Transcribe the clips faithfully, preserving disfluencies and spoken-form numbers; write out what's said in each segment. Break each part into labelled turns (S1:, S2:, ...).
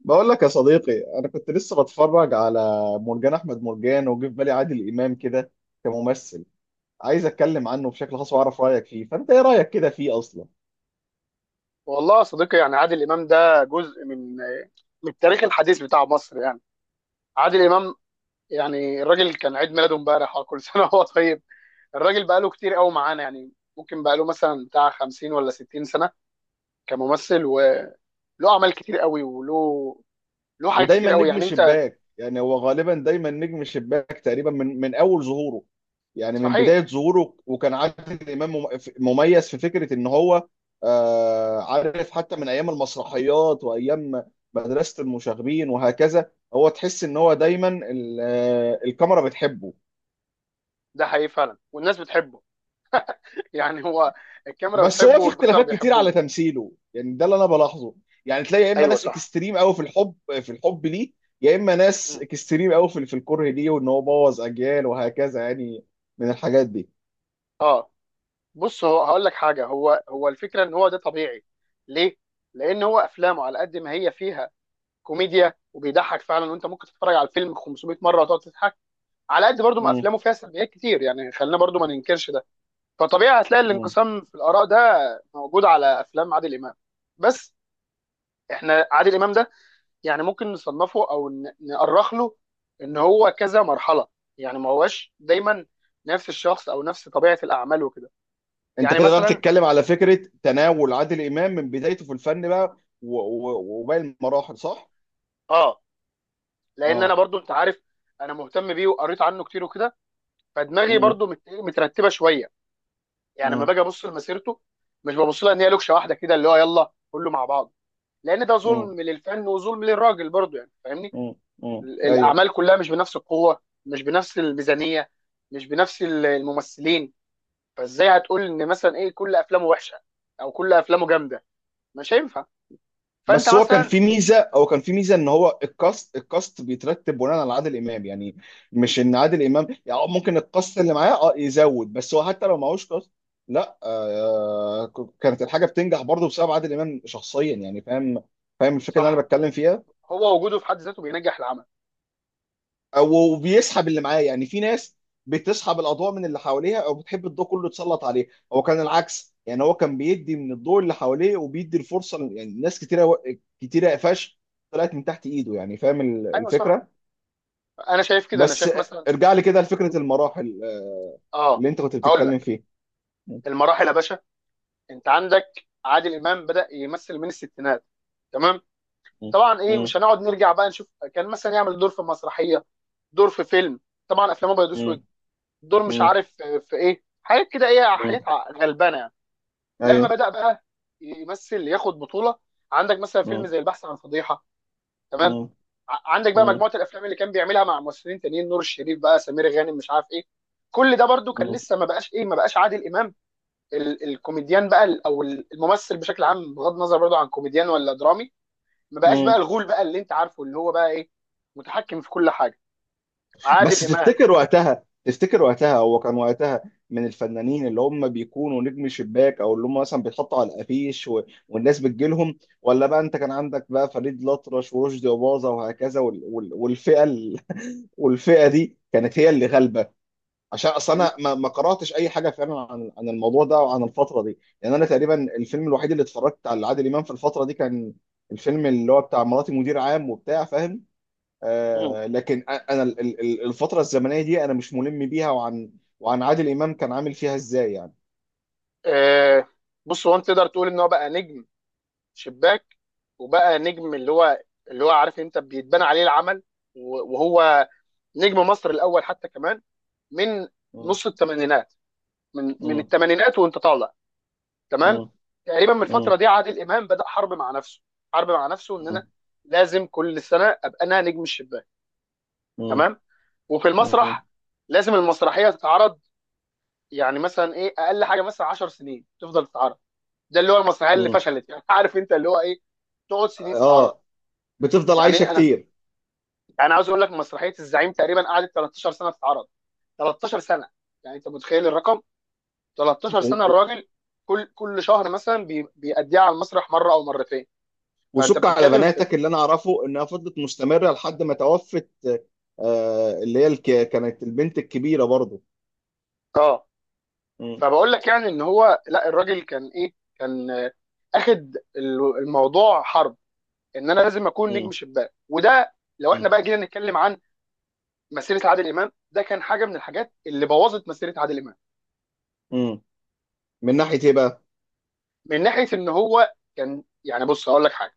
S1: بقول لك يا صديقي، انا كنت لسه بتفرج على مرجان احمد مرجان. وجه في بالي عادل امام كده كممثل. عايز اتكلم عنه بشكل خاص واعرف رايك فيه. فانت ايه رايك كده فيه اصلا؟
S2: والله يا صديقي، يعني عادل امام ده جزء من من التاريخ الحديث بتاع مصر. يعني عادل امام، يعني الراجل كان عيد ميلاده امبارح، آه، كل سنه وهو طيب. الراجل بقاله كتير قوي معانا، يعني ممكن بقاله مثلا بتاع خمسين ولا ستين سنه كممثل، وله اعمال كتير قوي، وله له حاجات كتير
S1: ودايما
S2: قوي،
S1: نجم
S2: يعني انت.
S1: الشباك، يعني هو غالبا دايما نجم الشباك تقريبا من من اول ظهوره. يعني من بدايه
S2: صحيح.
S1: ظهوره، وكان عادل امام مم- مميز في فكره ان هو آه، عارف. حتى من ايام المسرحيات وايام مدرسه المشاغبين وهكذا، هو تحس ان هو دايما ال- آه، الكاميرا بتحبه.
S2: ده حقيقي فعلا والناس بتحبه. يعني هو الكاميرا
S1: بس هو
S2: بتحبه
S1: في
S2: والبشر
S1: اختلافات كتير
S2: بيحبوه.
S1: على تمثيله، يعني ده اللي انا بلاحظه. يعني تلاقي يا اما
S2: ايوه
S1: ناس
S2: صح.
S1: اكستريم قوي في الحب، في الحب ليه، يا اما ناس
S2: مم.
S1: اكستريم قوي في في الكره ليه، وان هو بوظ اجيال وهكذا يعني، من الحاجات دي.
S2: اه، بص، هو هقول لك حاجه. هو هو الفكره ان هو ده طبيعي. ليه؟ لان هو افلامه على قد ما هي فيها كوميديا وبيضحك فعلا، وانت ممكن تتفرج على الفيلم 500 مره وتقعد تضحك. على قد برضو ما
S1: مم.
S2: افلامه فيها سلبيات كتير، يعني خلينا برضو ما ننكرش ده. فطبيعي هتلاقي
S1: مم.
S2: الانقسام في الاراء ده موجود على افلام عادل امام. بس احنا عادل امام ده يعني ممكن نصنفه او ن- نأرخ له ان هو كذا مرحله. يعني ما هوش دايما نفس الشخص او نفس طبيعه الاعمال وكده.
S1: انت
S2: يعني
S1: كده بقى
S2: مثلا.
S1: بتتكلم على فكره تناول عادل امام من بدايته في الفن بقى و- و- وباقي المراحل، صح؟
S2: اه، لان انا
S1: اه.
S2: برضو، انت عارف، انا مهتم بيه وقريت عنه كتير وكده. فدماغي
S1: مم.
S2: برضو مت- مترتبه شويه. يعني لما
S1: مم.
S2: باجي ابص لمسيرته، مش ببص لها ان هي لوكشه واحده كده اللي هو يلا كله مع بعض. لان ده
S1: مم.
S2: ظلم للفن وظلم للراجل برضو، يعني فاهمني.
S1: مم. مم.
S2: ال-
S1: ايوه.
S2: الاعمال كلها مش بنفس القوه، مش بنفس الميزانيه، مش بنفس ال- الممثلين. فازاي هتقول ان مثلا ايه كل افلامه وحشه او كل افلامه جامده؟ مش هينفع. فانت
S1: بس هو كان
S2: مثلا.
S1: في ميزه هو كان في ميزه ان هو الكاست الكاست بيترتب بناء على عادل امام، يعني مش ان عادل امام يعني، آه ممكن الكاست اللي معاه اه يزود. بس هو حتى لو معهوش كاست، لا، آه كانت الحاجه بتنجح برضه بسبب عادل امام شخصيا. يعني فاهم فاهم الفكره اللي انا
S2: صح.
S1: بتكلم فيها.
S2: هو وجوده في حد ذاته بينجح العمل.
S1: أو- وبيسحب اللي معاه. يعني في ناس بتسحب الاضواء من اللي حواليها، او بتحب الضوء كله يتسلط عليه. هو كان العكس، يعني هو كان بيدي من الضوء اللي حواليه وبيدي الفرصه ل- يعني ناس كتيره، و- كتيره قفاش طلعت من تحت ايده. يعني فاهم ال-
S2: ايوه صح.
S1: الفكره.
S2: انا شايف كده، انا
S1: بس
S2: شايف مثلا.
S1: ارجع لي كده لفكره المراحل، آه،
S2: اه،
S1: اللي انت كنت
S2: هقول
S1: بتتكلم
S2: لك.
S1: فيه. م-
S2: المراحل يا باشا. انت عندك عادل امام بدا يمثل من الستينات. تمام.
S1: م-
S2: طبعا ايه
S1: م-
S2: مش هنقعد نرجع بقى نشوف. كان مثلا يعمل دور في مسرحيه، دور في فيلم، طبعا افلام ابيض
S1: م-
S2: واسود. دور مش
S1: م-
S2: عارف آه، في ايه حاجات كده، ايه
S1: م-
S2: حاجات ع- غلبانه يعني. لما
S1: ايوه.
S2: بدا بقى يمثل، ياخد بطوله، عندك مثلا فيلم
S1: م-
S2: زي البحث عن فضيحه. تمام.
S1: م-
S2: ع- عندك بقى
S1: م-
S2: مجموعه الافلام اللي كان بيعملها مع ممثلين تانيين، نور الشريف بقى، سمير غانم، مش عارف ايه. كل ده برضو كان لسه ما بقاش ايه، ما بقاش عادل امام ال- الكوميديان بقى، ال- او الممثل بشكل عام بغض النظر برضو عن كوميديان ولا درامي. ما بقاش بقى
S1: م-
S2: الغول بقى اللي انت عارفه، اللي هو بقى ايه، متحكم في كل حاجه. عادل
S1: بس
S2: امام.
S1: تفتكر وقتها تفتكر وقتها هو كان وقتها من الفنانين اللي هم بيكونوا نجم شباك، او اللي هم مثلا بيتحطوا على الافيش و... والناس بتجيلهم. ولا بقى انت كان عندك بقى فريد الأطرش ورشدي أباظة وهكذا، وال... وال... والفئه ال... والفئه دي كانت هي اللي غالبه. عشان اصل
S2: ل-
S1: انا ما... ما قراتش اي حاجه فعلا عن عن الموضوع ده وعن الفتره دي. لان انا تقريبا الفيلم الوحيد اللي اتفرجت على عادل امام في الفتره دي كان الفيلم اللي هو بتاع مراتي مدير عام، وبتاع، فاهم.
S2: مم.
S1: آه، لكن أ- انا ال- ال- الفتره الزمنيه دي انا مش ملم بيها، وعن وعن عادل امام كان عامل فيها ازاي يعني.
S2: آه، بص، هو انت تقدر تقول ان هو بقى نجم شباك، وبقى نجم اللي هو اللي هو عارف انت بيتبنى عليه العمل. و- وهو نجم مصر الاول حتى كمان، من
S1: مم.
S2: نص الثمانينات، من من
S1: مم.
S2: الثمانينات وانت طالع. تمام.
S1: مم.
S2: تقريبا من
S1: مم.
S2: الفتره دي عادل امام بدا حرب مع نفسه. حرب مع نفسه ان انا
S1: مم.
S2: لازم كل سنه ابقى انا نجم الشباك.
S1: مم.
S2: تمام. وفي
S1: مم.
S2: المسرح لازم المسرحيه تتعرض. يعني مثلا ايه اقل حاجه مثلا 10 سنين تفضل تتعرض. ده اللي هو المسرحيه اللي
S1: مم.
S2: فشلت، يعني عارف انت اللي هو ايه، تقعد سنين تتعرض.
S1: اه، بتفضل
S2: يعني
S1: عايشه
S2: إيه، انا
S1: كتير.
S2: يعني عاوز اقول لك مسرحيه الزعيم تقريبا قعدت 13 سنه تتعرض. 13 سنه. يعني انت متخيل الرقم، 13
S1: و-
S2: سنه.
S1: و-
S2: الراجل كل كل شهر مثلا بي- بيأديها على المسرح مره او مرتين. فانت
S1: وشك على
S2: بتتكلم في.
S1: بناتك، اللي انا اعرفه انها فضلت مستمره لحد ما توفت. آه، اللي هي الك- كانت البنت الكبيره برضو.
S2: اه.
S1: مم.
S2: فبقول لك يعني ان هو لا، الراجل كان ايه، كان آه، اخد ال- الموضوع حرب ان انا لازم اكون نجم
S1: مم.
S2: شباك، وده. لو
S1: مم.
S2: احنا بقى جينا نتكلم عن مسيره عادل امام، ده كان حاجه من الحاجات اللي بوظت مسيره عادل امام.
S1: مم. من ناحيه ايه بقى؟
S2: من ناحيه ان هو كان، يعني بص هقول لك حاجه،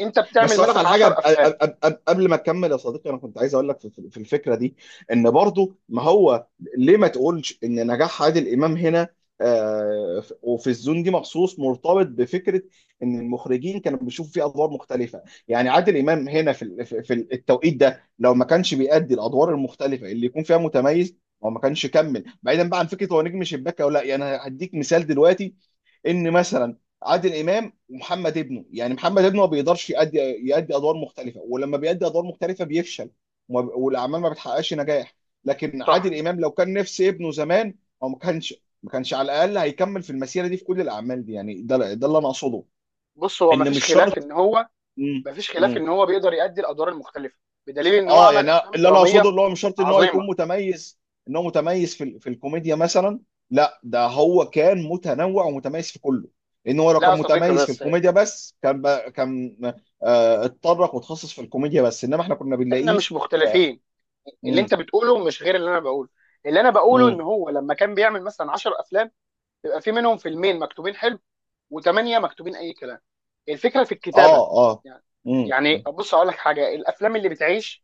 S2: انت
S1: بس
S2: بتعمل
S1: اقول لك على
S2: مثلا 10
S1: حاجه،
S2: افلام.
S1: أب- أب- أب- قبل ما تكمل يا صديقي، انا كنت عايز اقول لك في في الفكره دي. ان برضو ما هو، ليه ما تقولش ان نجاح عادل امام هنا آه، ف- وفي الزون دي مخصوص مرتبط بفكره ان المخرجين كانوا بيشوفوا فيه ادوار مختلفه. يعني عادل امام هنا في ال- في في التوقيت ده، لو ما كانش بيأدي الادوار المختلفه اللي يكون فيها متميز، هو ما كانش كمل بعيدا بقى عن فكره هو نجم شباك او لا. يعني أنا هديك مثال دلوقتي، ان مثلا عادل امام ومحمد ابنه. يعني محمد ابنه ما بيقدرش يأدي يأدي أدوار مختلفة، ولما بيأدي أدوار مختلفة بيفشل، وما- والأعمال ما بتحققش نجاح. لكن
S2: صح.
S1: عادل إمام لو كان نفس ابنه زمان، هو ما كانش ما كانش على الأقل هيكمل في المسيرة دي في كل الأعمال دي. يعني ده ده اللي أنا أقصده،
S2: بص، هو
S1: إن
S2: مفيش
S1: مش
S2: خلاف
S1: شرط.
S2: ان هو
S1: مم.
S2: مفيش خلاف
S1: مم.
S2: ان هو بيقدر يأدي الادوار المختلفه، بدليل ان هو
S1: اه،
S2: عمل
S1: يعني أنا-
S2: افلام
S1: اللي انا اقصده،
S2: دراميه
S1: اللي هو مش شرط ان هو
S2: عظيمه.
S1: يكون متميز، ان هو متميز في ال- في الكوميديا مثلا. لا، ده هو كان متنوع ومتميز في كله. لان هو لو
S2: لا يا
S1: كان
S2: صديقي،
S1: متميز في
S2: بس
S1: الكوميديا بس، كان بقى كان آه اتطرق وتخصص في الكوميديا بس، انما احنا كنا
S2: احنا
S1: بنلاقيه.
S2: مش
S1: آه.
S2: مختلفين. اللي
S1: مم.
S2: انت بتقوله مش غير اللي انا بقوله. اللي انا بقوله،
S1: مم.
S2: ان هو لما كان بيعمل مثلا 10 افلام، يبقى في منهم فيلمين مكتوبين حلو وثمانيه مكتوبين اي كلام. الفكره في الكتابه.
S1: اه. اه.
S2: يعني
S1: مم.
S2: يعني بص اقول لك حاجه، الافلام اللي بتعيش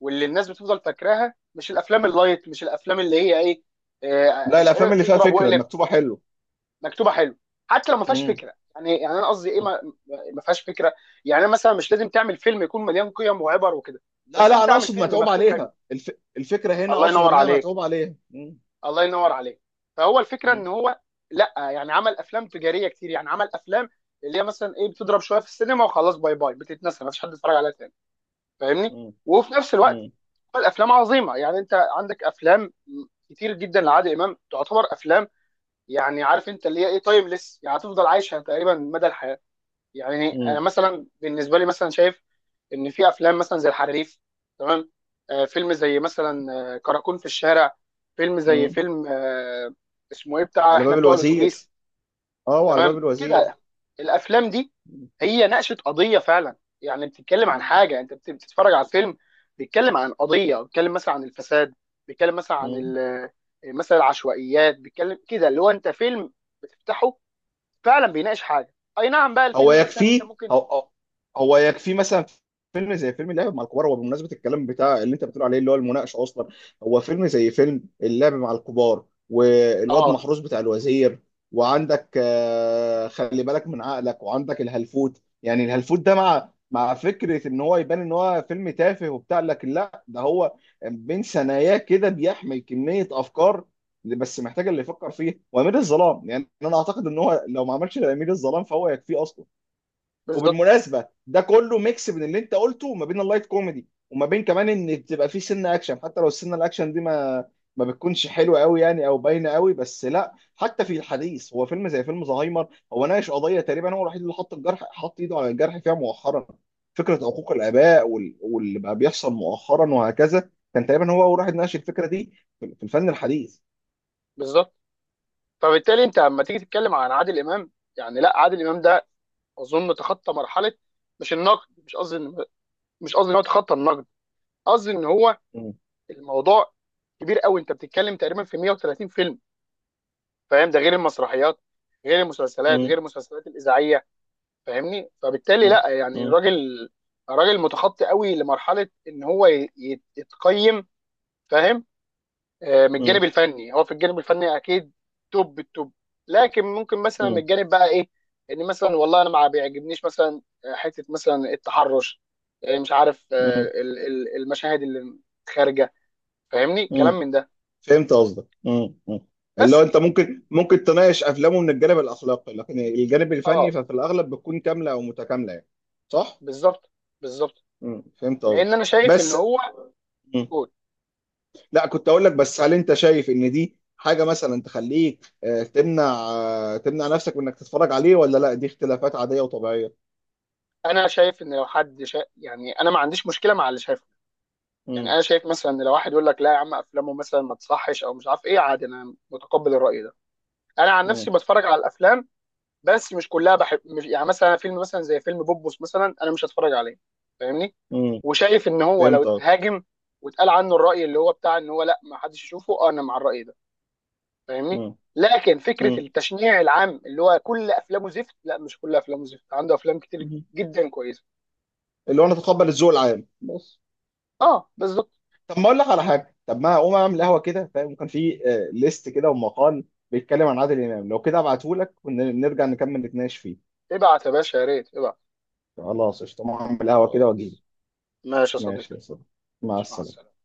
S2: واللي الناس بتفضل فاكراها مش الافلام اللايت، مش الافلام اللي هي ايه،
S1: لا،
S2: آه،
S1: الافلام اللي فيها
S2: اضرب
S1: فكره
S2: واقلب،
S1: المكتوبه حلو.
S2: مكتوبه حلو. حتى لو ما فيهاش
S1: مم.
S2: فكره، يعني يعني انا قصدي ايه، ما ما فيهاش فكره. يعني أنا مثلا مش لازم تعمل فيلم يكون مليان قيم وعبر وكده،
S1: لا،
S2: بس
S1: لا،
S2: انت
S1: انا
S2: اعمل
S1: اقصد
S2: فيلم
S1: متعوب
S2: مكتوب حلو.
S1: عليها، الف... الفكره هنا
S2: الله
S1: اقصد
S2: ينور
S1: انها
S2: عليك،
S1: متعوب عليها. مم.
S2: الله ينور عليك. فهو الفكره
S1: مم.
S2: ان هو لا، يعني عمل افلام تجاريه كتير، يعني عمل افلام اللي هي مثلا ايه بتضرب شويه في السينما، وخلاص باي باي، بتتنسى، ما فيش حد يتفرج عليها تاني. فاهمني.
S1: مم.
S2: وفي نفس الوقت
S1: مم.
S2: الافلام عظيمه، يعني انت عندك افلام كتير جدا لعادل امام تعتبر افلام، يعني عارف انت اللي هي ايه، تايمليس، يعني هتفضل عايشه تقريبا مدى الحياه. يعني انا
S1: مم.
S2: مثلا بالنسبه لي مثلا شايف ان في افلام مثلا زي الحريف. تمام. آه فيلم زي مثلا آه كراكون في الشارع، فيلم زي
S1: مم.
S2: فيلم آه اسمه ايه بتاع
S1: على
S2: احنا
S1: باب
S2: بتوع
S1: الوزير.
S2: الاتوبيس.
S1: اه، وعلى باب
S2: تمام
S1: الوزير.
S2: كده. الافلام دي هي ناقشت قضيه فعلا. يعني بتتكلم عن
S1: مم.
S2: حاجه، انت بت- بتتفرج على فيلم بيتكلم عن قضيه، بيتكلم مثلا عن الفساد، بيتكلم مثلا عن
S1: مم.
S2: ال- آه، مثلا العشوائيات، بيتكلم كده اللي هو انت فيلم بتفتحه فعلا بيناقش حاجه، اي نعم بقى
S1: هو
S2: الفيلم مثلا انت
S1: يكفيه
S2: ممكن.
S1: هو هو يكفيه مثلا فيلم زي فيلم اللعب مع الكبار، هو بمناسبه الكلام بتاع اللي انت بتقول عليه اللي هو المناقشه اصلا. هو فيلم زي فيلم اللعب مع الكبار والواد
S2: اه،
S1: محروس بتاع الوزير، وعندك آه، خلي بالك من عقلك، وعندك الهلفوت. يعني الهلفوت ده، مع مع فكره ان هو يبان ان هو فيلم تافه وبتاع، لكن لا، ده هو بين ثناياه كده بيحمل كميه افكار، اللي بس محتاج اللي يفكر فيه، وامير الظلام. يعني انا اعتقد ان هو لو ما عملش امير الظلام فهو يكفيه اصلا.
S2: بالظبط،
S1: وبالمناسبه ده كله ميكس بين اللي انت قلته وما بين اللايت كوميدي، وما بين كمان ان تبقى فيه سنه اكشن، حتى لو السنه الاكشن دي ما ما بتكونش حلوه قوي يعني، او باينه قوي بس. لا، حتى في الحديث، هو فيلم زي فيلم زهايمر هو ناقش قضيه، تقريبا هو الوحيد اللي حط الجرح حط ايده على الجرح فيها مؤخرا. فكره حقوق الاباء، وال- واللي بقى بيحصل مؤخرا وهكذا، كان تقريبا هو اول واحد ناقش الفكره دي في في الفن الحديث.
S2: بالظبط. فبالتالي انت لما تيجي تتكلم عن عادل امام، يعني لا عادل امام ده اظن تخطى مرحله. مش النقد، مش قصدي إن- مش قصدي ان هو تخطى النقد، قصدي ان هو
S1: م-
S2: الموضوع كبير قوي. انت بتتكلم تقريبا في 130 فيلم فاهم، ده غير المسرحيات، غير المسلسلات،
S1: م-
S2: غير المسلسلات الاذاعيه. فاهمني. فبالتالي
S1: م-
S2: لا، يعني
S1: م-
S2: الراجل الراجل متخطي قوي لمرحله ان هو ي- يت- يتقيم. فاهم. آه، من
S1: م-
S2: الجانب الفني، هو في الجانب الفني اكيد توب التوب. لكن ممكن مثلا من الجانب بقى ايه، ان مثلا والله انا ما بيعجبنيش مثلا آه، حته مثلا التحرش، آه، مش عارف آه،
S1: م-
S2: ال- ال- المشاهد اللي خارجه. فاهمني كلام
S1: م-
S2: من ده.
S1: فهمت قصدك. مم. مم. اللي هو
S2: بس.
S1: انت ممكن ممكن تناقش افلامه من الجانب الاخلاقي، لكن الجانب الفني
S2: اه،
S1: ففي الاغلب بتكون كامله او متكامله يعني، صح؟
S2: بالظبط، بالظبط.
S1: مم. فهمت قصدك.
S2: لان انا شايف ان
S1: بس،
S2: هو.
S1: مم.
S2: قول.
S1: لا، كنت اقول لك بس، هل انت شايف ان دي حاجه مثلا تخليك آه، تمنع آه، تمنع نفسك من انك تتفرج عليه، ولا لا دي اختلافات عاديه وطبيعيه؟
S2: انا شايف ان لو حد شا... يعني انا ما عنديش مشكله مع اللي شايفه. يعني
S1: مم.
S2: انا شايف مثلا ان لو واحد يقول لك لا يا عم افلامه مثلا ما تصحش او مش عارف ايه، عادي، انا متقبل الراي ده. انا عن
S1: مم.
S2: نفسي بتفرج على الافلام، بس مش كلها بحب. مش يعني مثلا فيلم مثلا زي فيلم بوبوس مثلا، انا مش هتفرج عليه. فاهمني.
S1: مم.
S2: وشايف ان هو لو
S1: فهمت قصدك.
S2: اتهاجم واتقال عنه الراي اللي هو بتاع ان هو لا ما حدش يشوفه، آه، انا مع الراي ده. فاهمني.
S1: مم.
S2: لكن فكره
S1: مم.
S2: التشنيع العام اللي هو كل افلامه زفت، لا مش كل افلامه زفت، عنده افلام كتير
S1: مم.
S2: جدا كويسه.
S1: اللي هو انا اتقبل الذوق العام بس.
S2: اه بالظبط.
S1: طب ما اقول لك على حاجه، طب ما اقوم اعمل قهوه كده فاهم، وكان في آه، ليست كده ومقال بيتكلم عن عادل امام، لو كده ابعته لك ونرجع نكمل نتناقش فيه.
S2: ابعت يا باشا، يا ريت ابعت.
S1: خلاص قشطه، أقوم اعمل قهوه كده واجيلك.
S2: خلاص، ماشي يا
S1: ماشي
S2: صديقي.
S1: يا صديقي، مع
S2: مع
S1: السلامه.
S2: السلامه.